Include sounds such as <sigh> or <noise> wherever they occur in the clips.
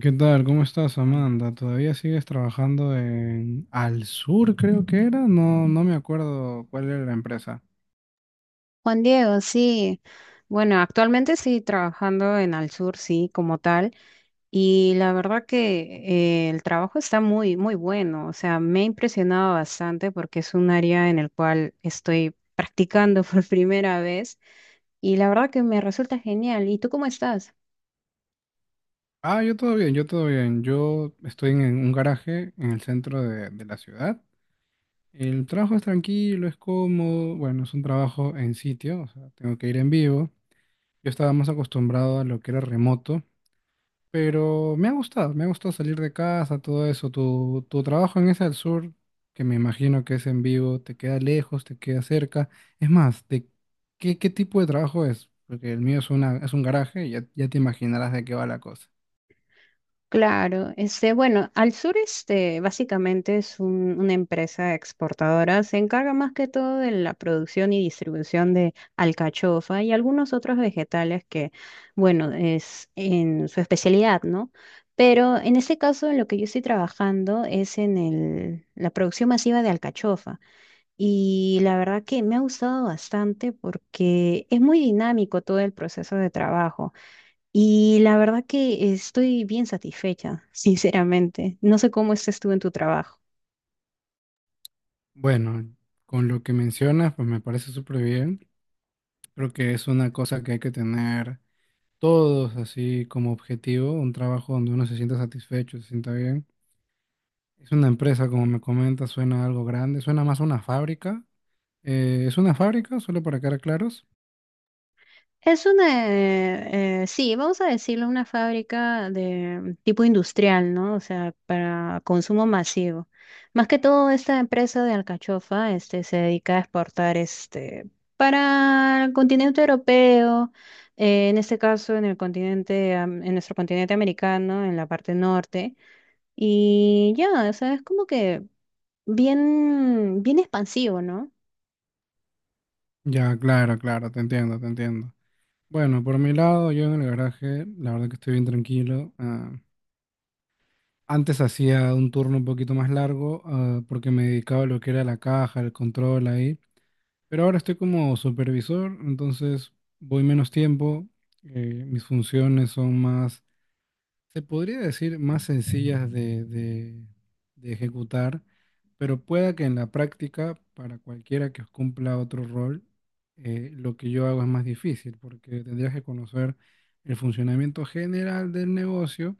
¿Qué tal? ¿Cómo estás, Amanda? ¿Todavía sigues trabajando en Al Sur, creo que era? No, no me acuerdo cuál era la empresa. Juan Diego, sí. Bueno, actualmente sí trabajando en Al Sur, sí, como tal. Y la verdad que el trabajo está muy bueno. O sea, me ha impresionado bastante porque es un área en el cual estoy practicando <laughs> por primera vez. Y la verdad que me resulta genial. ¿Y tú cómo estás? Ah, yo todo bien, yo todo bien. Yo estoy en un garaje en el centro de la ciudad. El trabajo es tranquilo, es cómodo. Bueno, es un trabajo en sitio, o sea, tengo que ir en vivo. Yo estaba más acostumbrado a lo que era remoto. Pero me ha gustado salir de casa, todo eso. Tu trabajo en ese Al Sur, que me imagino que es en vivo, te queda lejos, te queda cerca. Es más, ¿de qué tipo de trabajo es? Porque el mío es un garaje y ya, ya te imaginarás de qué va la cosa. Claro, este, bueno, Al Sur este, básicamente es una empresa exportadora, se encarga más que todo de la producción y distribución de alcachofa y algunos otros vegetales que, bueno, es en su especialidad, ¿no? Pero en este caso, en lo que yo estoy trabajando es en la producción masiva de alcachofa y la verdad que me ha gustado bastante porque es muy dinámico todo el proceso de trabajo. Y la verdad que estoy bien satisfecha, <laughs> sinceramente. No sé cómo estés tú en tu trabajo. Bueno, con lo que mencionas, pues me parece súper bien. Creo que es una cosa que hay que tener todos así como objetivo, un trabajo donde uno se sienta satisfecho, se sienta bien. Es una empresa, como me comentas, suena algo grande, suena más a una fábrica. ¿Es una fábrica? Solo para quedar claros. Es una, sí, vamos a decirlo, una fábrica de tipo industrial, ¿no? O sea, para consumo masivo. Más que todo, esta empresa de alcachofa, este, se dedica a exportar, este, para el continente europeo, en este caso, en el continente, en nuestro continente americano, en la parte norte. Y ya, o sea, es como que bien expansivo, ¿no? Ya, claro, claro, te entiendo, te entiendo. Bueno, por mi lado, yo en el garaje, la verdad que estoy bien tranquilo. Ah, antes hacía un turno un poquito más largo, porque me dedicaba a lo que era la caja, el control ahí. Pero ahora estoy como supervisor, entonces voy menos tiempo. Mis funciones son más, se podría decir, más sencillas de ejecutar, pero pueda que en la práctica, para cualquiera que cumpla otro rol, lo que yo hago es más difícil, porque tendrías que conocer el funcionamiento general del negocio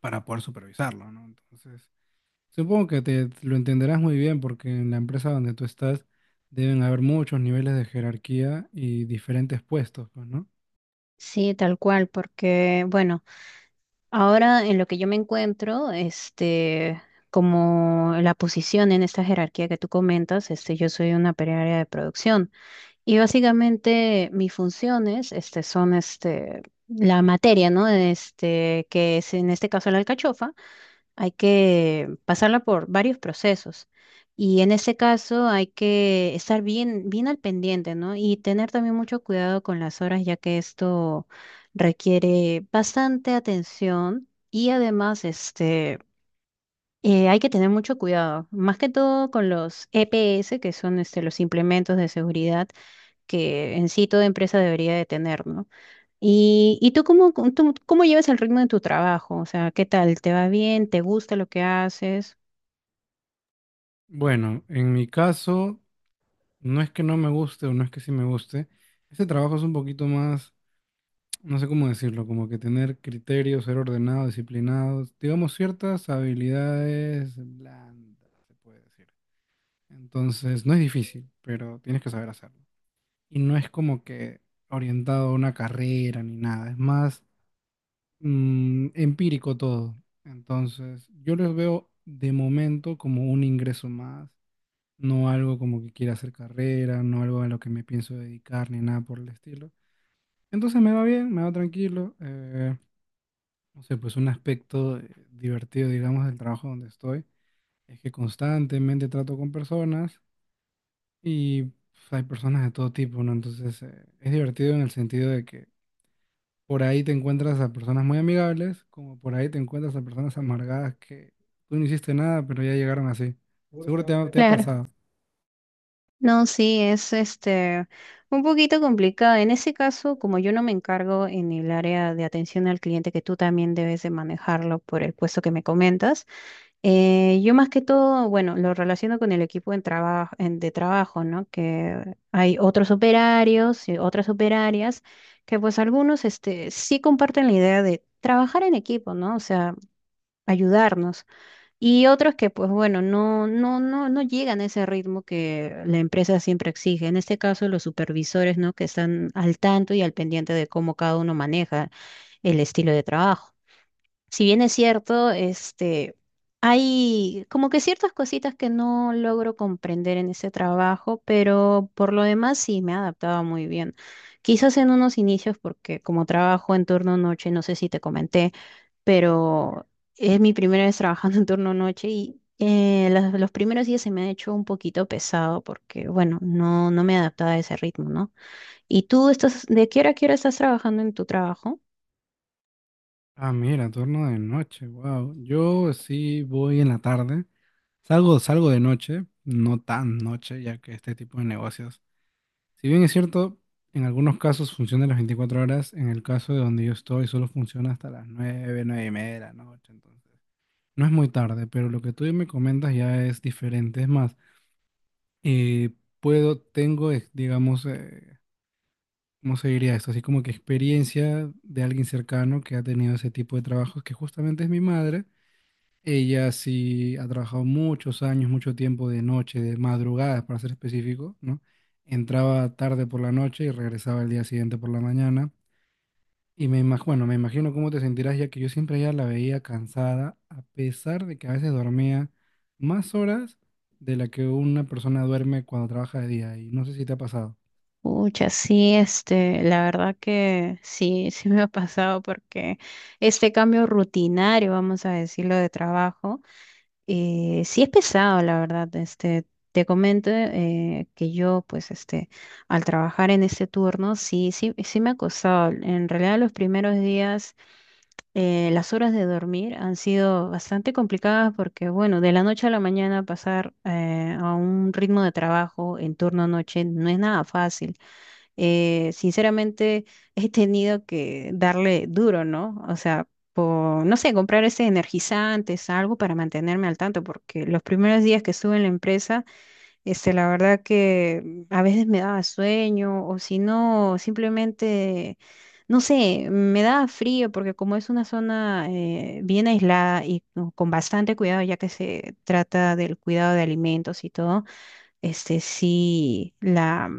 para poder supervisarlo, ¿no? Entonces, supongo que te lo entenderás muy bien, porque en la empresa donde tú estás deben haber muchos niveles de jerarquía y diferentes puestos, pues, ¿no? Sí, tal cual, porque bueno, ahora en lo que yo me encuentro, este, como la posición en esta jerarquía que tú comentas, este, yo soy una operaria de producción y básicamente mis funciones, este, son, este, la materia, ¿no? Este, que es en este caso la alcachofa. Hay que pasarla por varios procesos. Y en ese caso hay que estar bien al pendiente, ¿no? Y tener también mucho cuidado con las horas, ya que esto requiere bastante atención y además, este, hay que tener mucho cuidado, más que todo con los EPS, que son, este, los implementos de seguridad que en sí toda empresa debería de tener, ¿no? ¿Y, tú cómo, tú cómo llevas el ritmo de tu trabajo? O sea, ¿qué tal? ¿Te va bien? ¿Te gusta lo que haces? Bueno, en mi caso. No es que no me guste o no es que sí me guste. Este trabajo es un poquito más, no sé cómo decirlo, como que tener criterio, ser ordenado, disciplinado, digamos ciertas habilidades blandas, se puede decir. Entonces, no es difícil, pero tienes que saber hacerlo. Y no es como que orientado a una carrera ni nada, es más empírico todo. Entonces, yo los veo de momento como un ingreso más, no algo como que quiera hacer carrera, no algo a lo que me pienso dedicar ni nada por el estilo. Entonces me va bien, me va tranquilo. No sé, pues un aspecto divertido, digamos, del trabajo donde estoy es que constantemente trato con personas y pues, hay personas de todo tipo, ¿no? Entonces es divertido en el sentido de que por ahí te encuentras a personas muy amigables, como por ahí te encuentras a personas amargadas que tú no hiciste nada, pero ya llegaron así. Seguro te ha Claro. pasado. No, sí, es este un poquito complicado. En ese caso, como yo no me encargo en el área de atención al cliente, que tú también debes de manejarlo por el puesto que me comentas, yo más que todo, bueno, lo relaciono con el equipo en de trabajo, ¿no? Que hay otros operarios y otras operarias que pues algunos este, sí comparten la idea de trabajar en equipo, ¿no? O sea, ayudarnos. Y otros que, pues bueno, no llegan a ese ritmo que la empresa siempre exige. En este caso, los supervisores, ¿no? Que están al tanto y al pendiente de cómo cada uno maneja el estilo de trabajo. Si bien es cierto, este, hay como que ciertas cositas que no logro comprender en ese trabajo, pero por lo demás sí me he adaptado muy bien. Quizás en unos inicios, porque como trabajo en turno noche, no sé si te comenté, pero es mi primera vez trabajando en turno noche y los primeros días se me ha hecho un poquito pesado porque, bueno, no me adaptaba a ese ritmo, ¿no? ¿Y tú estás, de qué hora a qué hora estás trabajando en tu trabajo? Ah, mira, turno de noche, wow. Yo sí voy en la tarde. Salgo de noche, no tan noche, ya que este tipo de negocios, si bien es cierto, en algunos casos funciona las 24 horas. En el caso de donde yo estoy, solo funciona hasta las nueve, 9 y media de la noche, entonces no es muy tarde, pero lo que tú me comentas ya es diferente, es más, eh, puedo, tengo, digamos, ¿cómo se diría esto? Así como que experiencia de alguien cercano que ha tenido ese tipo de trabajos, que justamente es mi madre. Ella sí ha trabajado muchos años, mucho tiempo de noche, de madrugadas para ser específico, ¿no? Entraba tarde por la noche y regresaba el día siguiente por la mañana. Y bueno, me imagino cómo te sentirás, ya que yo siempre ya la veía cansada, a pesar de que a veces dormía más horas de la que una persona duerme cuando trabaja de día. Y no sé si te ha pasado. Pucha, sí, este, la verdad que sí, <laughs> sí me ha pasado porque este cambio rutinario, vamos a decirlo, de trabajo. Sí es pesado, la verdad. Este, te comento que yo, pues, este, al trabajar en ese turno, sí me ha costado. En realidad, los primeros días, las horas de dormir han sido bastante complicadas porque, bueno, de la noche a la mañana pasar a un ritmo de trabajo en turno noche no es nada fácil. Eh, sinceramente <laughs> he tenido que darle duro, ¿no? O sea, por, no sé, comprar ese energizantes, algo para mantenerme al tanto, porque los primeros días que estuve en la empresa, este, la verdad que a veces me daba sueño, o si no, simplemente, no sé, me daba frío, porque como es una zona bien aislada y con bastante cuidado, ya que se trata del cuidado de alimentos y todo este sí, la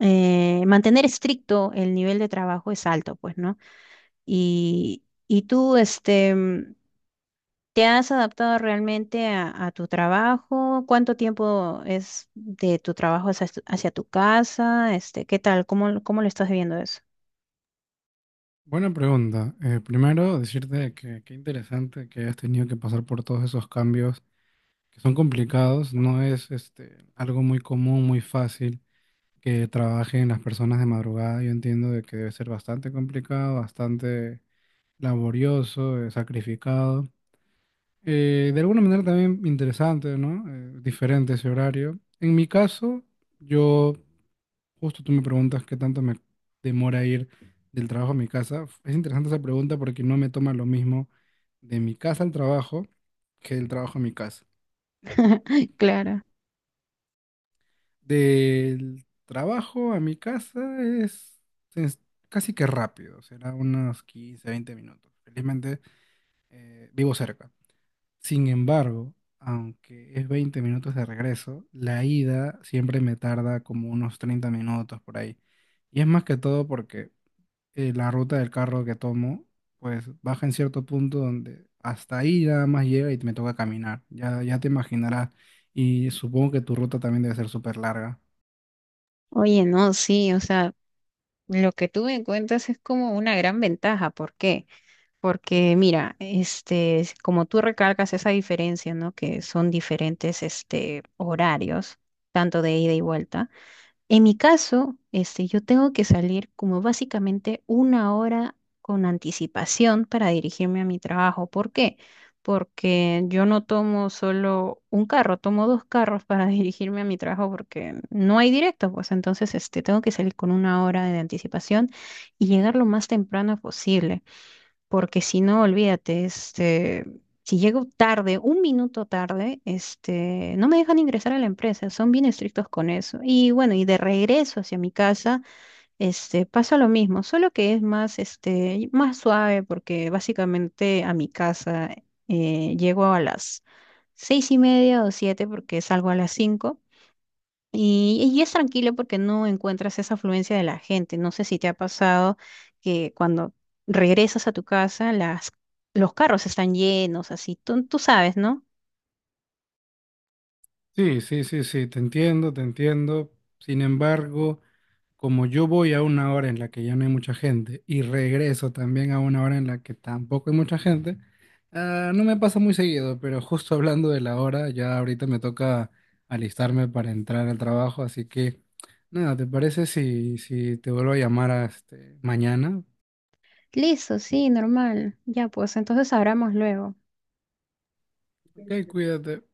mantener estricto el nivel de trabajo es alto, pues, ¿no? Y, tú, este, ¿te has adaptado realmente a tu trabajo? ¿Cuánto tiempo es de tu trabajo hacia, hacia tu casa? Este, ¿qué tal? ¿Cómo, cómo lo estás viendo eso? Buena pregunta. Primero, decirte que qué interesante que hayas tenido que pasar por todos esos cambios, que son complicados, no es, este, algo muy común, muy fácil que trabajen las personas de madrugada. Yo entiendo de que debe ser bastante complicado, bastante laborioso, sacrificado. De alguna manera también interesante, ¿no? Diferente ese horario. En mi caso, yo, justo tú me preguntas qué tanto me demora ir del trabajo a mi casa. Es interesante esa pregunta porque no me toma lo mismo de mi casa al trabajo que del trabajo a mi casa. <laughs> Claro. Del trabajo a mi casa es casi que rápido, será unos 15, 20 minutos. Felizmente vivo cerca. Sin embargo, aunque es 20 minutos de regreso, la ida siempre me tarda como unos 30 minutos por ahí. Y es más que todo porque la ruta del carro que tomo, pues baja en cierto punto donde hasta ahí nada más llega y me toca caminar. Ya, ya te imaginarás. Y supongo que tu ruta también debe ser súper larga. Oye, no, sí, o sea, lo que tú me cuentas es como una gran ventaja. ¿Por qué? Porque mira, este, es como tú recalcas esa diferencia, ¿no? Que son diferentes, este, horarios, tanto de ida y vuelta. En mi caso, este, yo tengo que salir como básicamente una hora con anticipación para dirigirme a mi trabajo. ¿Por qué? Porque yo no tomo solo un carro, tomo dos carros para <laughs> dirigirme a mi trabajo porque no hay directo, pues entonces, este, tengo que salir con una hora de anticipación y llegar lo más temprano posible porque si no, olvídate, este, si llego tarde, un minuto tarde, este, no me dejan ingresar a la empresa, son bien estrictos con eso. Y bueno, y de regreso hacia mi casa, este, pasa lo mismo, solo que es más, este, más suave, porque básicamente a mi casa llego a las seis y media o siete, porque salgo a las cinco. Y, es tranquilo porque no encuentras esa afluencia de la gente. No sé si te ha pasado que cuando regresas a tu casa, las, los carros están llenos, así. Tú sabes, ¿no? Sí, sí, sí, sí, te entiendo, te entiendo. Sin embargo, como yo voy a una hora en la que ya no hay mucha gente y regreso también a una hora en la que tampoco hay mucha gente, no me pasa muy seguido, pero justo hablando de la hora, ya ahorita me toca alistarme para entrar al trabajo, así que nada, ¿te parece si te vuelvo a llamar a este, mañana? Listo, sí, normal. Ya, pues entonces hablamos luego. Ok, cuídate.